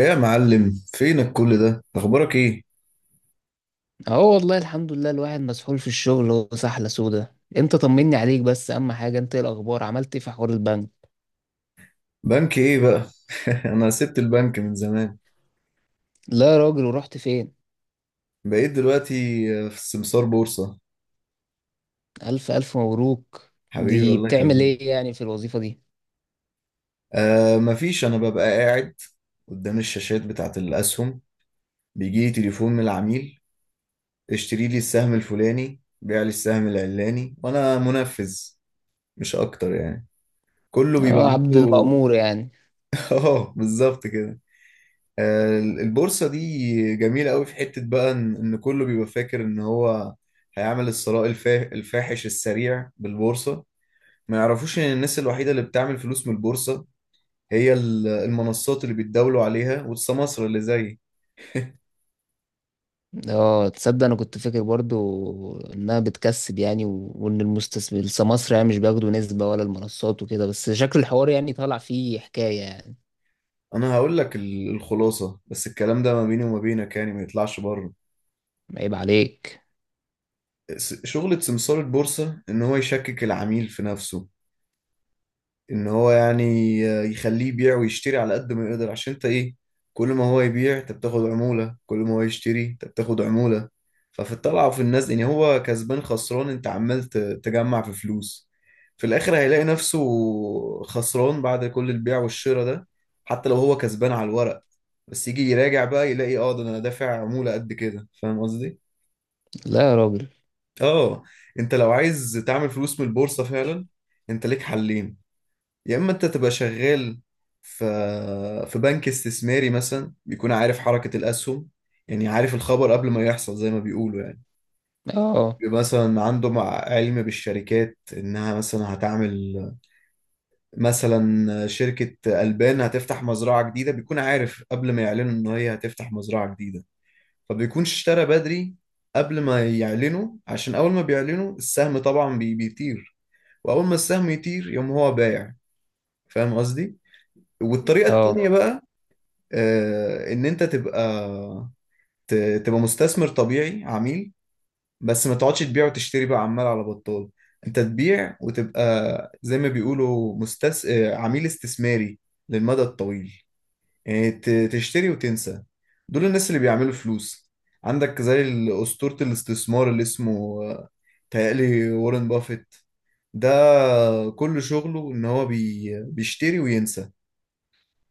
ايه يا معلم، فينك كل ده؟ اخبارك ايه؟ اه، والله الحمد لله. الواحد مسحول في الشغل وسحلة سودة. انت طمني عليك، بس اهم حاجة، انت ايه الاخبار؟ عملت ايه في حوار البنك؟ بنك ايه بقى؟ انا سبت البنك من زمان. لا يا راجل، ورحت فين؟ بقيت دلوقتي في السمسار بورصة. الف الف مبروك. حبيبي دي الله بتعمل يخليك. ايه يعني في الوظيفة دي؟ مفيش، انا ببقى قاعد قدام الشاشات بتاعت الاسهم، بيجي لي تليفون من العميل: اشتري لي السهم الفلاني، بيع لي السهم العلاني، وانا منفذ، مش اكتر يعني، كله بيبقى اه، عبد عنده. المأمور يعني. اه، بالظبط كده. البورصة دي جميلة قوي في حتة بقى، إن كله بيبقى فاكر إن هو هيعمل الثراء الفاحش السريع بالبورصة. ما يعرفوش إن الناس الوحيدة اللي بتعمل فلوس من البورصة هي المنصات اللي بيتداولوا عليها، والسماسرة اللي زي اه، تصدق انا كنت فاكر برضو انها بتكسب يعني، وان المستثمر سمسرة يعني مش بياخدوا نسبة ولا المنصات وكده، بس شكل الحوار يعني طالع فيه حكاية يعني. أنا. هقول لك الخلاصة، بس الكلام ده ما بيني وما بينك يعني، ما يطلعش بره. عيب عليك. شغلة سمسار البورصة إن هو يشكك العميل في نفسه، ان هو يعني يخليه يبيع ويشتري على قد ما يقدر، عشان انت ايه، كل ما هو يبيع انت بتاخد عمولة، كل ما هو يشتري انت بتاخد عمولة. ففي الطلعة وفي النزل، يعني هو كسبان خسران، انت عمال تجمع في فلوس. في الاخر هيلاقي نفسه خسران بعد كل البيع والشراء ده، حتى لو هو كسبان على الورق، بس يجي يراجع بقى يلاقي، اه ده انا دافع عمولة قد كده. فاهم قصدي؟ لا يا راجل. اه. انت لو عايز تعمل فلوس من البورصة فعلا، انت ليك حلين. يا اما انت تبقى شغال في في بنك استثماري مثلا، بيكون عارف حركة الاسهم، يعني عارف الخبر قبل ما يحصل زي ما بيقولوا يعني. اه. بيبقى مثلا عنده مع علم بالشركات، انها مثلا هتعمل، مثلا شركة البان هتفتح مزرعة جديدة، بيكون عارف قبل ما يعلنوا ان هي هتفتح مزرعة جديدة، فبيكونش اشترى بدري قبل ما يعلنوا، عشان اول ما بيعلنوا السهم طبعا بيطير، واول ما السهم يطير يقوم هو بايع. فاهم قصدي؟ والطريقة اه. التانية بقى، ان انت تبقى ت- تبقى مستثمر طبيعي، عميل، بس ما تقعدش تبيع وتشتري بقى عمال على بطال. انت تبيع وتبقى زي ما بيقولوا مستس... آه، عميل استثماري للمدى الطويل، يعني تشتري وتنسى. دول الناس اللي بيعملوا فلوس. عندك زي أسطورة الاستثمار اللي اسمه تهيألي وارن بافيت. ده كل شغله ان هو بيشتري وينسى.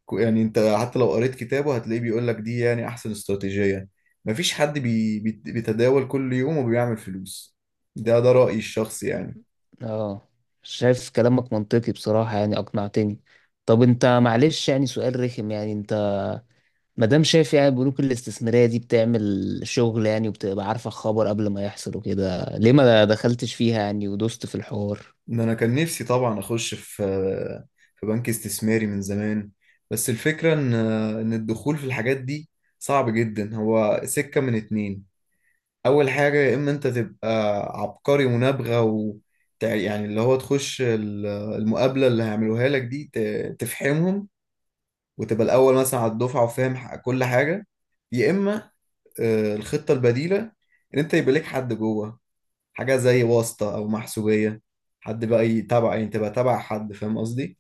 يعني انت حتى لو قريت كتابه هتلاقيه بيقول لك دي يعني احسن استراتيجية. مفيش حد بيتداول كل يوم وبيعمل فلوس. ده رأيي الشخصي يعني. اه. شايف كلامك منطقي بصراحة، يعني أقنعتني. طب أنت معلش يعني سؤال رخم، يعني أنت مادام شايف يعني البنوك الاستثمارية دي بتعمل شغل يعني وبتبقى عارفة الخبر قبل ما يحصل وكده، ليه ما دخلتش فيها يعني ودوست في الحوار؟ ان انا كان نفسي طبعا اخش في في بنك استثماري من زمان، بس الفكرة ان الدخول في الحاجات دي صعب جدا. هو سكة من اتنين. اول حاجة، يا اما انت تبقى عبقري منابغة، و يعني اللي هو تخش المقابلة اللي هيعملوها لك دي تفحمهم، وتبقى الاول مثلا على الدفعه، وفاهم كل حاجه. يا اما الخطه البديله، ان انت يبقى لك حد جوه، حاجه زي واسطه او محسوبيه، حد بقى يتابع، يعني تبقى تابع حد، فاهم قصدي؟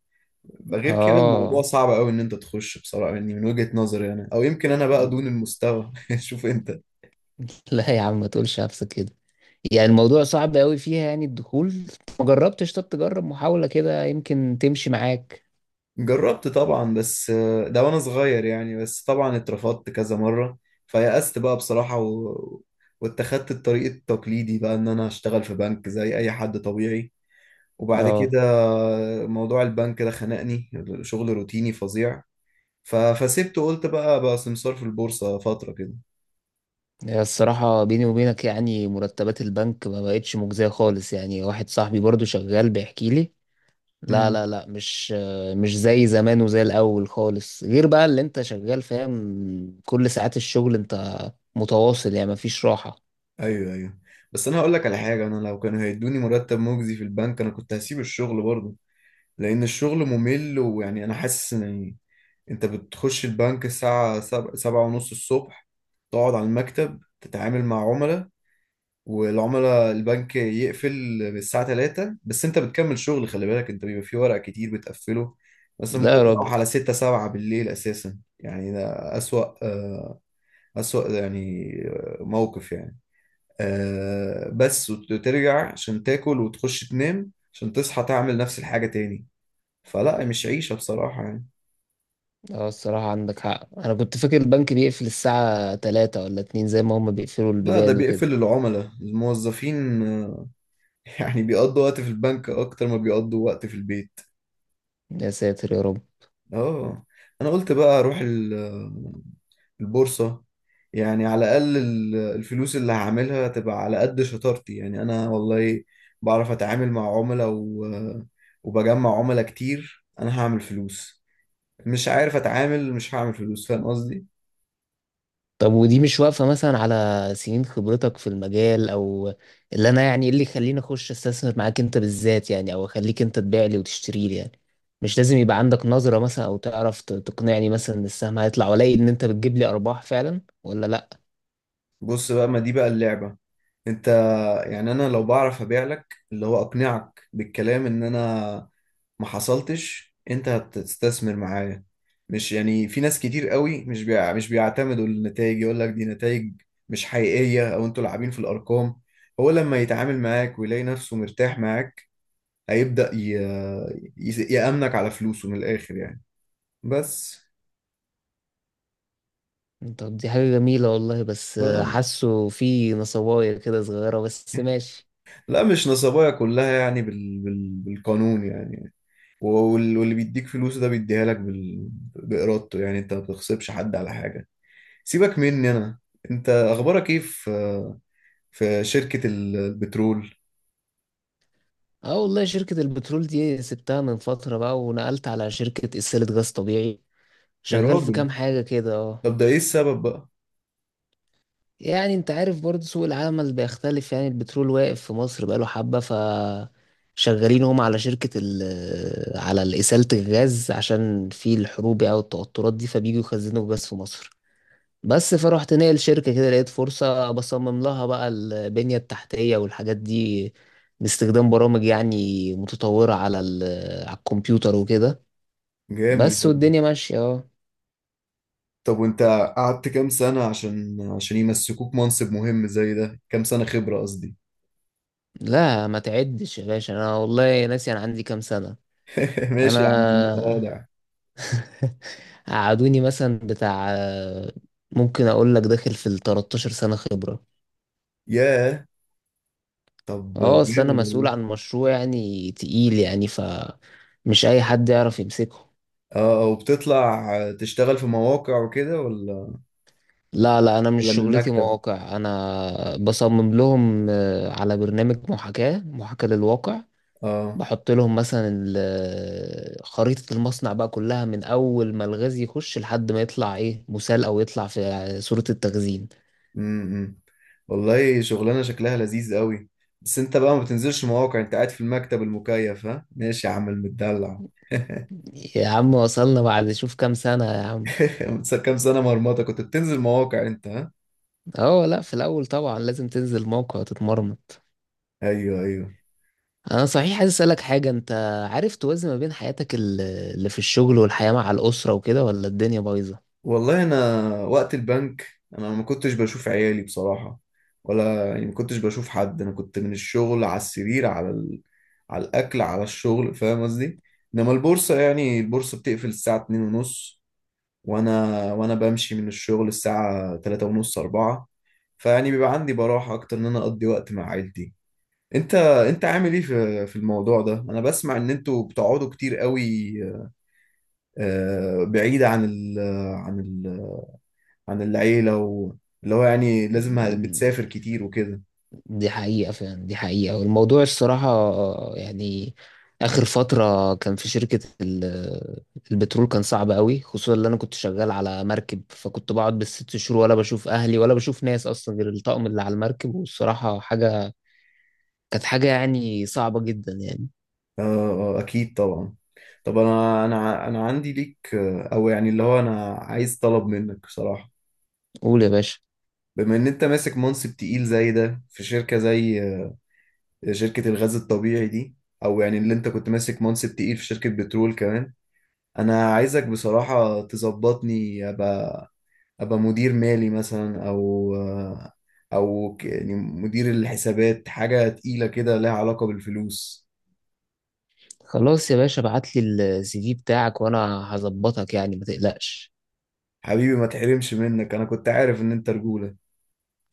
يبقى غير كده الموضوع آه. صعب قوي ان انت تخش بصراحه يعني، من وجهه نظري يعني، او يمكن انا بقى دون المستوى. شوف انت. لا يا عم، ما تقولش نفسك كده. يعني الموضوع صعب قوي فيها يعني الدخول؟ ما جربتش؟ طب تجرب محاولة كده، يمكن تمشي معاك. جربت طبعا، بس ده وانا صغير يعني، بس طبعا اترفضت كذا مره، فيأست بقى بصراحه، و... واتخذت الطريق التقليدي بقى، ان انا اشتغل في بنك زي اي حد طبيعي. وبعد اه. كده موضوع البنك ده خنقني، شغل روتيني فظيع، ف... فسبته، قلت بقى سمسار في البورصة فترة كده. هي الصراحة بيني وبينك، يعني مرتبات البنك ما بقتش مجزية خالص. يعني واحد صاحبي برضو شغال بيحكي لي. لا، امم. لا، لا، مش زي زمان وزي الأول خالص. غير بقى اللي انت شغال فاهم، كل ساعات الشغل انت متواصل، يعني مفيش راحة. ايوه، ايوه. بس انا هقول لك على حاجة، انا لو كانوا هيدوني مرتب مجزي في البنك انا كنت هسيب الشغل برضه، لان الشغل ممل، ويعني انا حاسس ان يعني انت بتخش البنك الساعة سبعة، سبعة ونص الصبح، تقعد على المكتب تتعامل مع عملاء، والعملاء البنك يقفل من الساعة 3، بس انت بتكمل شغل، خلي بالك انت بيبقى في ورق كتير بتقفله، بس لا ممكن يا راجل. تروح على 6، 7 بالليل اساسا يعني. ده اسوأ آه، اسوأ يعني، موقف يعني، بس، وترجع عشان تاكل وتخش تنام عشان تصحى تعمل نفس الحاجة تاني. فلا، مش عيشة بصراحة يعني. اه الصراحة عندك حق، أنا كنت فاكر البنك بيقفل الساعة تلاتة ولا اتنين، زي ما هما بيقفلوا لا، ده البيبان بيقفل وكده. العملاء، الموظفين يعني بيقضوا وقت في البنك اكتر ما بيقضوا وقت في البيت. يا ساتر يا رب. اه. انا قلت بقى اروح البورصة، يعني على الأقل الفلوس اللي هعملها تبقى على قد شطارتي يعني. أنا والله بعرف أتعامل مع عملاء، و... وبجمع عملاء كتير، أنا هعمل فلوس. مش عارف أتعامل، مش هعمل فلوس. فاهم قصدي؟ طب ودي مش واقفة مثلا على سنين خبرتك في المجال؟ او اللي انا يعني، إيه اللي يخليني اخش استثمر معاك انت بالذات يعني، او اخليك انت تبيع لي وتشتري لي يعني؟ مش لازم يبقى عندك نظرة مثلا، او تعرف تقنعني مثلا ان السهم هيطلع، والاقي ان انت بتجيب لي ارباح فعلا ولا لا؟ بص بقى، ما دي بقى اللعبة. أنت، يعني أنا لو بعرف أبيع لك، اللي هو أقنعك بالكلام، إن أنا ما حصلتش، انت هتستثمر معايا. مش يعني، في ناس كتير قوي مش مش بيعتمدوا النتائج، يقول لك دي نتائج مش حقيقية، او انتوا لاعبين في الارقام. هو لما يتعامل معاك ويلاقي نفسه مرتاح معاك هيبدأ يأمنك على فلوسه من الاخر يعني. بس طب دي حاجة جميلة والله، بس آه. حاسه في نصوايا كده صغيرة، بس ماشي. لا، مش نصبايا، كلها يعني بالقانون يعني، واللي بيديك فلوس ده بيديها لك بإرادته يعني، انت ما بتغصبش حد على حاجة. سيبك مني انا، انت اخبارك ايه في شركة البترول؟ اه والله شركة البترول دي سبتها من فترة بقى، ونقلت على شركة إسالة غاز طبيعي. يا شغال في راجل، كام حاجة كده اه. طب ده ايه السبب بقى؟ يعني انت عارف برضه سوق العمل بيختلف، يعني البترول واقف في مصر بقاله حبة، شغالين هم على شركة ال آه، على إسالة الغاز، عشان في الحروب أو التوترات دي فبييجوا يخزنوا غاز في مصر. بس فروحت ناقل شركة كده، لقيت فرصة بصمم لها بقى البنية التحتية والحاجات دي، باستخدام برامج يعني متطورة على ال آه، على الكمبيوتر وكده. جامد بس يا ابني. والدنيا ماشية اه. طب وانت قعدت كام سنة عشان يمسكوك منصب مهم زي ده؟ كام سنة خبرة قصدي. لا ما تعدش يا باشا، أنا والله ناسي أنا عندي كام سنة. ماشي يا عم، انا متواضع. قعدوني مثلا بتاع آه، ممكن اقول لك داخل في ال 13 سنة خبرة. ياه. طب. اه اصل انا جامد مسؤول والله. عن مشروع يعني تقيل، يعني مش اي حد يعرف يمسكه. اه، وبتطلع تشتغل في مواقع وكده ولا؟ لا لا، انا مش ولا من شغلتي المكتب؟ مواقع، انا بصمم لهم على برنامج محاكاة للواقع. اه. بحط لهم مثلا خريطة المصنع بقى كلها، من اول ما الغاز يخش لحد ما يطلع ايه مسال، او يطلع في صورة التخزين. امم. والله شغلانه شكلها لذيذ قوي. بس انت بقى ما بتنزلش مواقع، انت قاعد في المكتب المكيف، ها، ماشي يا عم المدلع. يا عم وصلنا بعد شوف كام سنة يا عم. كام سنه مرمطه كنت بتنزل مواقع انت، ها؟ اه لا، في الاول طبعا لازم تنزل موقع وتتمرمط. ايوه، ايوه. انا صحيح عايز اسالك حاجه، انت عارف توازن ما بين حياتك اللي في الشغل والحياه مع الاسره وكده، ولا الدنيا بايظه؟ والله انا، وقت البنك، انا ما كنتش بشوف عيالي بصراحه، ولا يعني ما كنتش بشوف حد. انا كنت من الشغل على السرير، على ال... على الاكل، على الشغل. فاهم قصدي؟ انما البورصه، يعني البورصه بتقفل الساعه 2 ونص، وانا بمشي من الشغل الساعه 3 ونص، 4. فيعني بيبقى عندي براحة أكتر إن أنا أقضي وقت مع عيلتي. أنت أنت عامل إيه في الموضوع ده؟ أنا بسمع إن أنتوا بتقعدوا كتير قوي بعيد عن ال عن ال عن العيلة، واللي هو يعني لازم، مم، بتسافر كتير وكده. دي حقيقه فعلا، دي حقيقه. والموضوع الصراحه يعني اخر فتره كان في شركه البترول كان صعب قوي، خصوصا اللي انا كنت شغال على مركب، فكنت بقعد بالست شهور ولا بشوف اهلي ولا بشوف ناس اصلا، غير الطقم اللي على المركب. والصراحه كانت حاجه يعني صعبه جدا يعني. آه. أكيد طبعا. طب أنا، أنا عندي ليك أو يعني اللي هو أنا عايز طلب منك بصراحة. قول يا باشا. بما إن أنت ماسك منصب تقيل زي ده في شركة زي شركة الغاز الطبيعي دي، أو يعني اللي أنت كنت ماسك منصب تقيل في شركة بترول كمان، انا عايزك بصراحة تظبطني، ابقى مدير مالي مثلا، او يعني مدير الحسابات، حاجة تقيلة كده لها علاقة بالفلوس. خلاص يا باشا، ابعت لي الـ CV بتاعك وانا هظبطك، يعني ما تقلقش. حبيبي، ما تحرمش منك، انا كنت عارف ان انت رجولة.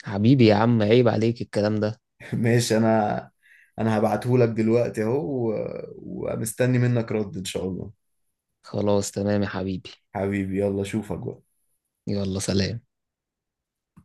حبيبي يا عم، عيب عليك الكلام ده. ماشي، انا انا هبعتهولك دلوقتي اهو، ومستني منك رد ان شاء الله. خلاص تمام يا حبيبي. حبيبي، يلا اشوفك بقى. يلا سلام.